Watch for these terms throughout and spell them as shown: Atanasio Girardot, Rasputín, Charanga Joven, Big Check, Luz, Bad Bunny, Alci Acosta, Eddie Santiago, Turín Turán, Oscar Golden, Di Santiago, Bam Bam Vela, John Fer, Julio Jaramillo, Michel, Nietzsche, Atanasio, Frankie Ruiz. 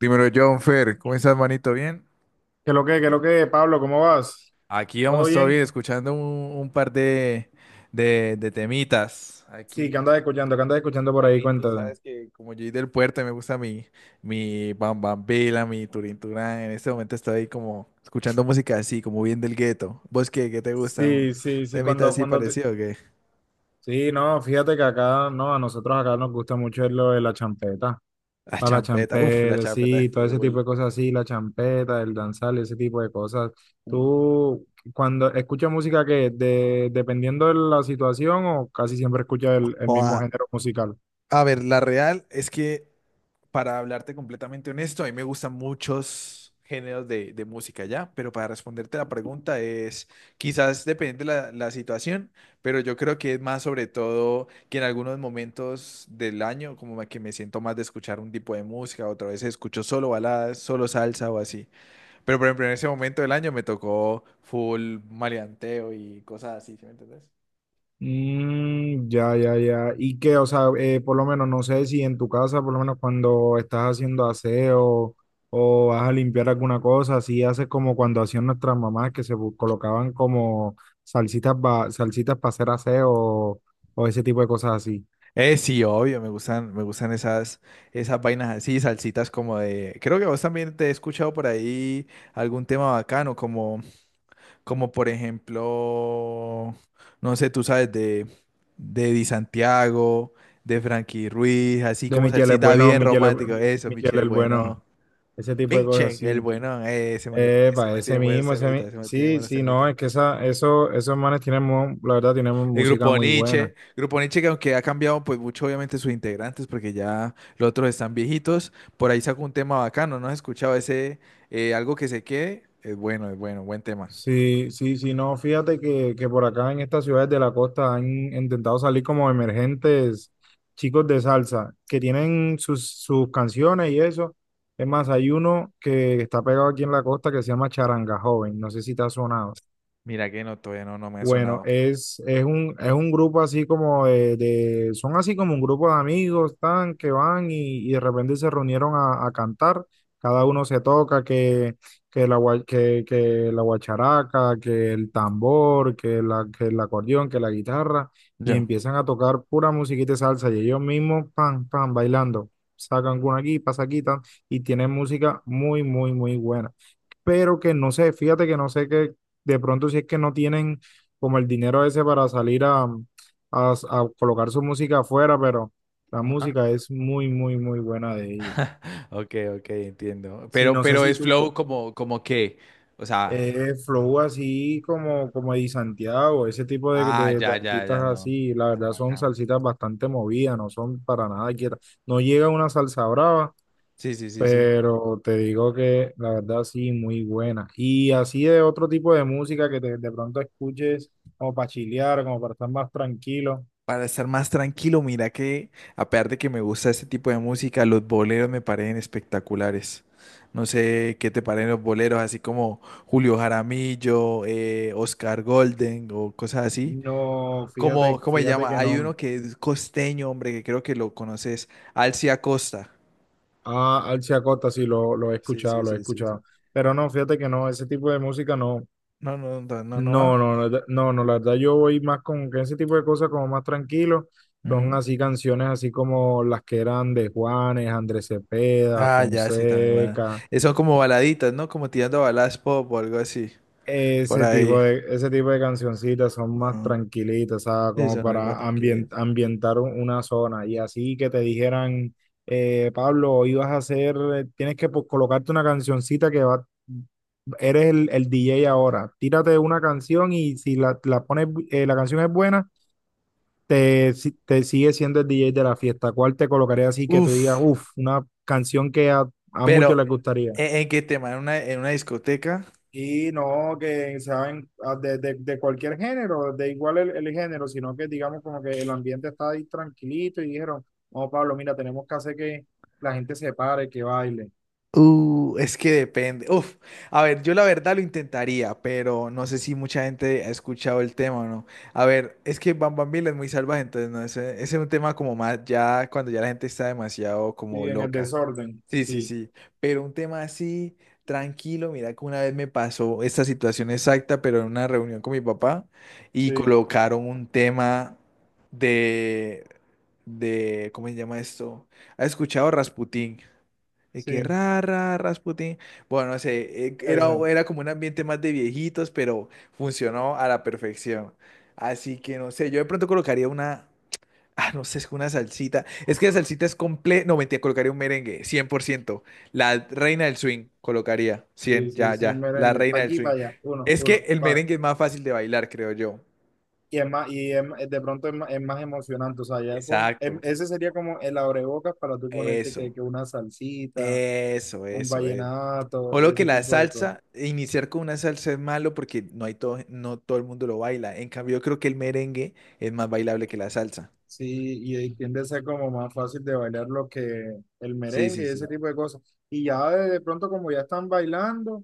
Dímelo, John Fer, ¿cómo estás, manito? ¿Bien? Qué lo que, Pablo? ¿Cómo vas? Aquí ¿Todo vamos todavía bien? escuchando un par de temitas. Sí, Aquí, ¿qué andas escuchando? ¿Qué andas escuchando por ahí? aquí tú Cuéntate. sabes que como yo soy del puerto, me gusta mi Bam Bam Vela, mi Turín Turán. En este momento estoy ahí como escuchando música así, como bien del gueto. ¿Vos qué te gusta? ¿Un Sí, sí, sí, temita cuando, así cuando te. parecido o qué? Sí, no, fíjate que acá, no, a nosotros acá nos gusta mucho lo de la champeta. La Para la champeta, uff, la champeta, champeta es sí, todo ese full. tipo de cosas así, la champeta, el danzal, ese tipo de cosas. ¿Tú cuando escuchas música dependiendo de la situación o casi siempre escuchas el mismo Joda. género musical? A ver, la real es que para hablarte completamente honesto, a mí me gustan muchos géneros de música ya, pero para responderte la pregunta es, quizás depende la situación, pero yo creo que es más sobre todo que en algunos momentos del año, como que me siento más de escuchar un tipo de música, otra vez escucho solo baladas, solo salsa o así. Pero por ejemplo, en ese momento del año me tocó full maleanteo y cosas así, ¿sí me entendés? Mm, ya, ya, ya. Y que, o sea, por lo menos no sé si en tu casa, por lo menos cuando estás haciendo aseo o vas a limpiar alguna cosa, así haces como cuando hacían nuestras mamás que se colocaban como salsitas, salsitas para hacer aseo o ese tipo de cosas así. Sí, obvio, me gustan esas vainas así, salsitas como de. Creo que vos también te he escuchado por ahí algún tema bacano, como por ejemplo, no sé, tú sabes, de Di Santiago, de Frankie Ruiz, así De como Michel es salsita bueno, bien romántico. Eso, Michel Michel, es bueno, bueno. ese tipo de Big cosas Check, el así. bueno, ese Epa, man ese tiene buenos mismo, semitas, ese man tiene sí, buenos sí, no, semitas. es que esos manes tienen, la verdad, tienen El música muy buena. Grupo Nietzsche que aunque ha cambiado pues mucho obviamente sus integrantes porque ya los otros están viejitos, por ahí sacó un tema bacano, ¿no has escuchado ese algo que se quede? Es bueno, buen tema. Sí, sí, sí, no, fíjate que por acá en estas ciudades de la costa han intentado salir como emergentes chicos de salsa que tienen sus canciones y eso. Es más, hay uno que está pegado aquí en la costa que se llama Charanga Joven, no sé si te ha sonado. Mira que no, todavía no, no me ha Bueno, sonado. es un grupo así como son así como un grupo de amigos, tan, que van y de repente se reunieron a cantar, cada uno se toca, que la guacharaca, que el tambor, que el acordeón, que la guitarra, y Yo. empiezan a tocar pura musiquita de salsa, y ellos mismos, pan, pan, bailando, sacan una aquí, pasa aquí, tan, y tienen música muy, muy, muy buena, pero que no sé, fíjate que no sé que de pronto si es que no tienen como el dinero ese para salir a, a colocar su música afuera, pero la Ajá. música es muy, muy, muy buena de ellos. Ok, ok, entiendo. Sí, Pero, no sé pero si es tú flow como que, o sea, flow así como Eddie Santiago, ese tipo de, ah, de- de ya, ya, ya, artistas no. así, la Tan verdad son bacano. salsitas bastante movidas, no son para nada quietas. No llega una salsa brava, Sí, sí, sí, sí. pero te digo que la verdad sí, muy buena. Y así de otro tipo de música que de pronto escuches como para chilear, como para estar más tranquilo. Para estar más tranquilo, mira que a pesar de que me gusta este tipo de música, los boleros me parecen espectaculares. No sé qué te parecen los boleros, así como Julio Jaramillo, Oscar Golden o cosas así. No, Como, fíjate, ¿cómo se fíjate llama? que Hay uno no. que es costeño, hombre, que creo que lo conoces, Alci Acosta. Ah, Alcia Costa sí lo he Sí, escuchado, sí, lo he sí, sí, sí. escuchado. Pero no, fíjate que no, ese tipo de música no. No, no, no, no, no va. No, no, la verdad yo voy más con que ese tipo de cosas como más tranquilo. Son Ujú. así canciones así como las que eran de Juanes, Andrés Cepeda, Ah, ya, sí, también van. Fonseca. Son como baladitas, ¿no? Como tirando a baladas pop o algo así, por Ese tipo ahí. de, ese tipo de cancioncitas son más Ujú. tranquilitas, ¿sabes? Sí, Como son algo para tranquilo. ambientar una zona. Y así que te dijeran, Pablo, hoy vas a hacer, tienes que pues, colocarte una cancioncita que va, eres el DJ ahora. Tírate una canción y si la pones, la canción es buena, te, si- te sigue siendo el DJ de la fiesta. ¿Cuál te colocaría así que tú digas, Uf, uff, una canción que a muchos les pero gustaría? ¿en qué tema? ¿En una discoteca? Y no que saben de cualquier género, de igual el género, sino que digamos como que el ambiente está ahí tranquilito y dijeron, no, Pablo, mira, tenemos que hacer que la gente se pare, que baile. Es que depende. Uf, a ver, yo la verdad lo intentaría, pero no sé si mucha gente ha escuchado el tema o no. A ver, es que Bam Bam Biela es muy salvaje, entonces no, ese es un tema como más ya cuando ya la gente está demasiado como Sí, en el loca. desorden. Sí, sí, Sí, sí, pero un tema así, tranquilo, mira que una vez me pasó esta situación exacta, pero en una reunión con mi papá y sí, colocaron un tema de, ¿cómo se llama esto? ¿Has escuchado Rasputín? De que sí, Rasputín. Bueno, no sé, era, ese. era como un ambiente más de viejitos, pero funcionó a la perfección. Así que no sé, yo de pronto colocaría una, ah, no sé, es que una salsita. Es que la salsita es completa. No, mentira, colocaría un merengue, 100%. La reina del swing, colocaría, Sí, 100, sí, ya, sí, un ya. La merengue. Pa' reina del aquí, swing. para allá. Uno, Es que uno, el pa. merengue es más fácil de bailar, creo yo. Y es más, y es ma- de pronto es ma- es más, emocionante. O sea, ya Exacto. ese sería como el abrebocas para tú ponerte Eso, que una salsita, eso, un eso, es. vallenato O y lo que ese la tipo de cosas. salsa, iniciar con una salsa es malo porque no hay todo, no todo el mundo lo baila. En cambio, yo creo que el merengue es más bailable que la salsa. Sí, y ahí Ujú. tiende a ser como más fácil de bailar lo que el Sí, merengue sí, y ese sí. tipo de cosas. Y ya de pronto como ya están bailando,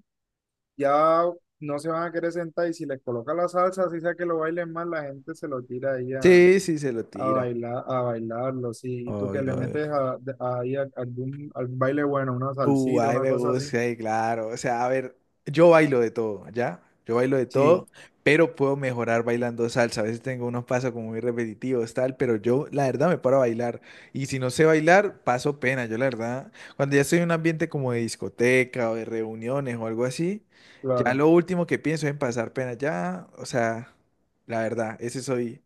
ya no se van a querer sentar y si les coloca la salsa, así sea que lo bailen más, la gente se lo tira ahí a, Sí, sí, se lo a tira. bailar, a bailarlo. Sí, y tú que le Obvio, metes obvio. a, de- ahí a- algún baile bueno, una salsita, Ay, una me cosa así. gusta, ay, claro. O sea, a ver, yo bailo de todo, ¿ya? Yo bailo de Sí, todo, pero puedo mejorar bailando salsa. A veces tengo unos pasos como muy repetitivos, tal, pero yo, la verdad, me paro a bailar. Y si no sé bailar, paso pena. Yo, la verdad, cuando ya estoy en un ambiente como de discoteca o de reuniones o algo así, ya claro. lo último que pienso es en pasar pena. Ya, o sea, la verdad, ese soy,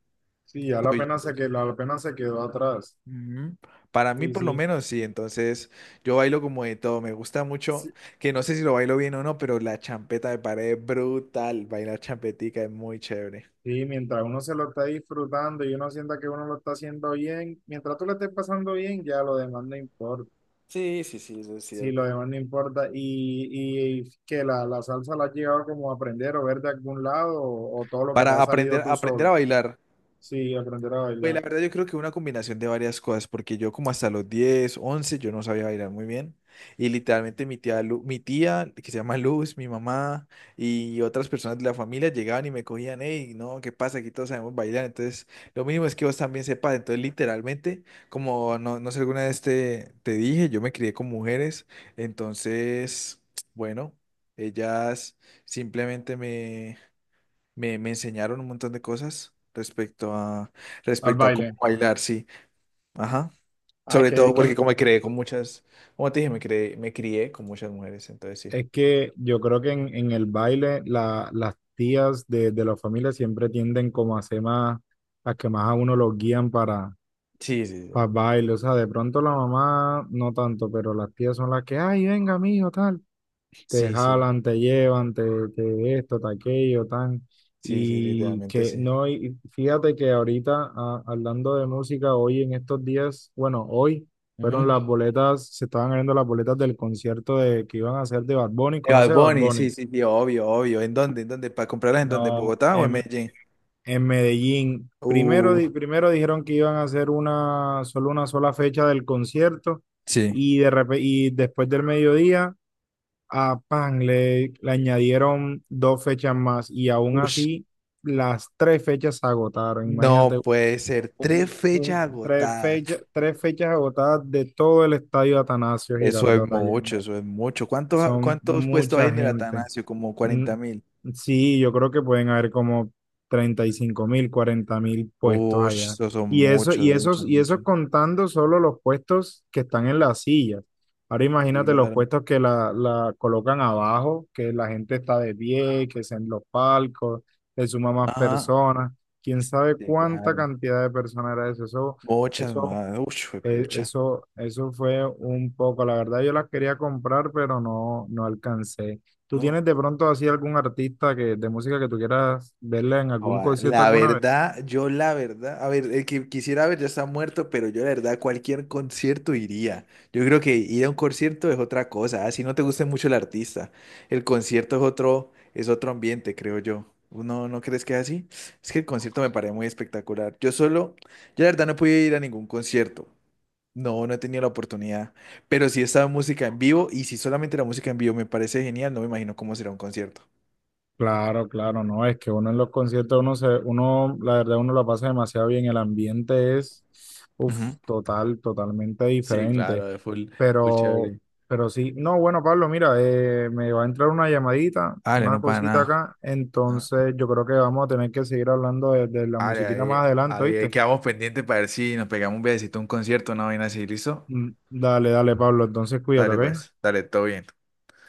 Sí, ya la soy yo, pena se pues. quedó, la pena se quedó atrás. Ujú. Para mí, Sí, por lo sí, menos, sí. Entonces, yo bailo como de todo. Me gusta mucho, sí. que no sé si lo bailo bien o no, pero la champeta me parece brutal. Bailar champetica es muy chévere. Sí, mientras uno se lo está disfrutando y uno sienta que uno lo está haciendo bien, mientras tú lo estés pasando bien, ya lo demás no importa. Sí, sí, sí, eso es Sí, lo cierto. demás no importa. Y que la salsa la has llegado como a aprender o ver de algún lado o todo lo que te Para ha aprender, salido tú aprender a solo. bailar. Sí, aprender a Pues bailar. la verdad yo creo que una combinación de varias cosas, porque yo como hasta los 10 11 yo no sabía bailar muy bien y literalmente mi tía que se llama Luz, mi mamá y otras personas de la familia llegaban y me cogían, hey, no, ¿qué pasa? Aquí todos sabemos bailar, entonces lo mínimo es que vos también sepas, entonces literalmente como no, no sé alguna vez te dije, yo me crié con mujeres, entonces, bueno, ellas simplemente me enseñaron un montón de cosas respecto a, Al respecto a baile. cómo bailar, sí. Ajá. Ah, es Sobre que, es todo que, porque como me creé con muchas, como te dije, me crié con muchas mujeres, entonces sí. es que yo creo que en el baile las tías de la familia siempre tienden como a ser más, las que más a uno los guían. Sí, sí, sí. Para baile, o sea, de pronto la mamá no tanto, pero las tías son las que, ay, venga, mijo, tal. Te Sí, sí, jalan, te llevan, te esto, te aquello, tan. sí, sí, Y literalmente que sí. no, y fíjate que ahorita, hablando de música, hoy en estos días, bueno, hoy fueron Ujú. las boletas, se estaban abriendo las boletas del concierto que iban a hacer de Bad Bunny. De Bad ¿Conoce a Bad Bunny, sí, Bunny? sí, sí, obvio, obvio. ¿En dónde? ¿En dónde? ¿Para comprarlas en dónde? ¿En No, Bogotá o en en, Medellín? en Medellín. Primero, Uh, di- primero dijeron que iban a hacer solo una sola fecha del concierto Sí. y después del mediodía a Pan le añadieron dos fechas más y aún Ush, así las tres fechas se agotaron. Imagínate, no puede ser. Tres fechas un, agotadas. Tres fechas agotadas de todo el estadio Atanasio Eso es Girardot allá en mucho, Medellín. eso es mucho. ¿Cuánto, Son cuántos puestos hay mucha en el gente. Atanasio? Como Mm, 40.000. sí, yo creo que pueden haber como 35.000, 40.000 puestos Uy, allá. esos son Y eso, muchos, muchos, y muchos. eso contando solo los puestos que están en las sillas. Ahora Sí, imagínate los claro. puestos que la colocan abajo, que la gente está de pie, que es en los palcos, se suma más Ajá, personas. Quién sabe sí, cuánta claro. cantidad de personas era eso. Muchas eso más. Uy, eh, juepucha. Eso, eso fue un poco, la verdad yo las quería comprar, pero no, no alcancé. ¿Tú tienes No. de pronto así algún artista de música que tú quieras verle en algún Joda, concierto la alguna vez? verdad, yo la verdad, a ver, el que quisiera ver ya está muerto, pero yo la verdad a cualquier concierto iría. Yo creo que ir a un concierto es otra cosa, así no te guste mucho el artista. El concierto es otro ambiente, creo yo. ¿No, no crees que es así? Es que el concierto me parece muy espectacular. Yo solo, yo la verdad no pude ir a ningún concierto. No, no he tenido la oportunidad, pero sí estaba música en vivo y si solamente la música en vivo me parece genial, no me imagino cómo será un concierto. Claro, claro, no, es que uno en los conciertos, uno, la verdad, uno la pasa demasiado bien, el ambiente es, uff, Ujú. Totalmente Sí, diferente, claro, es full, full pero, chévere. pero sí, no, bueno, Pablo, mira, me va a entrar una llamadita, Vale, una no para cosita nada. acá, Ajá. entonces yo creo que vamos a tener que seguir hablando de la Vale, musiquita más ahí, adelante, ahí, ahí ¿oíste? quedamos pendientes para ver si nos pegamos un viajecito a un concierto, una vaina así, ¿listo? Mm, dale, dale, Pablo, entonces cuídate, Dale ¿ok? pues, dale, todo bien.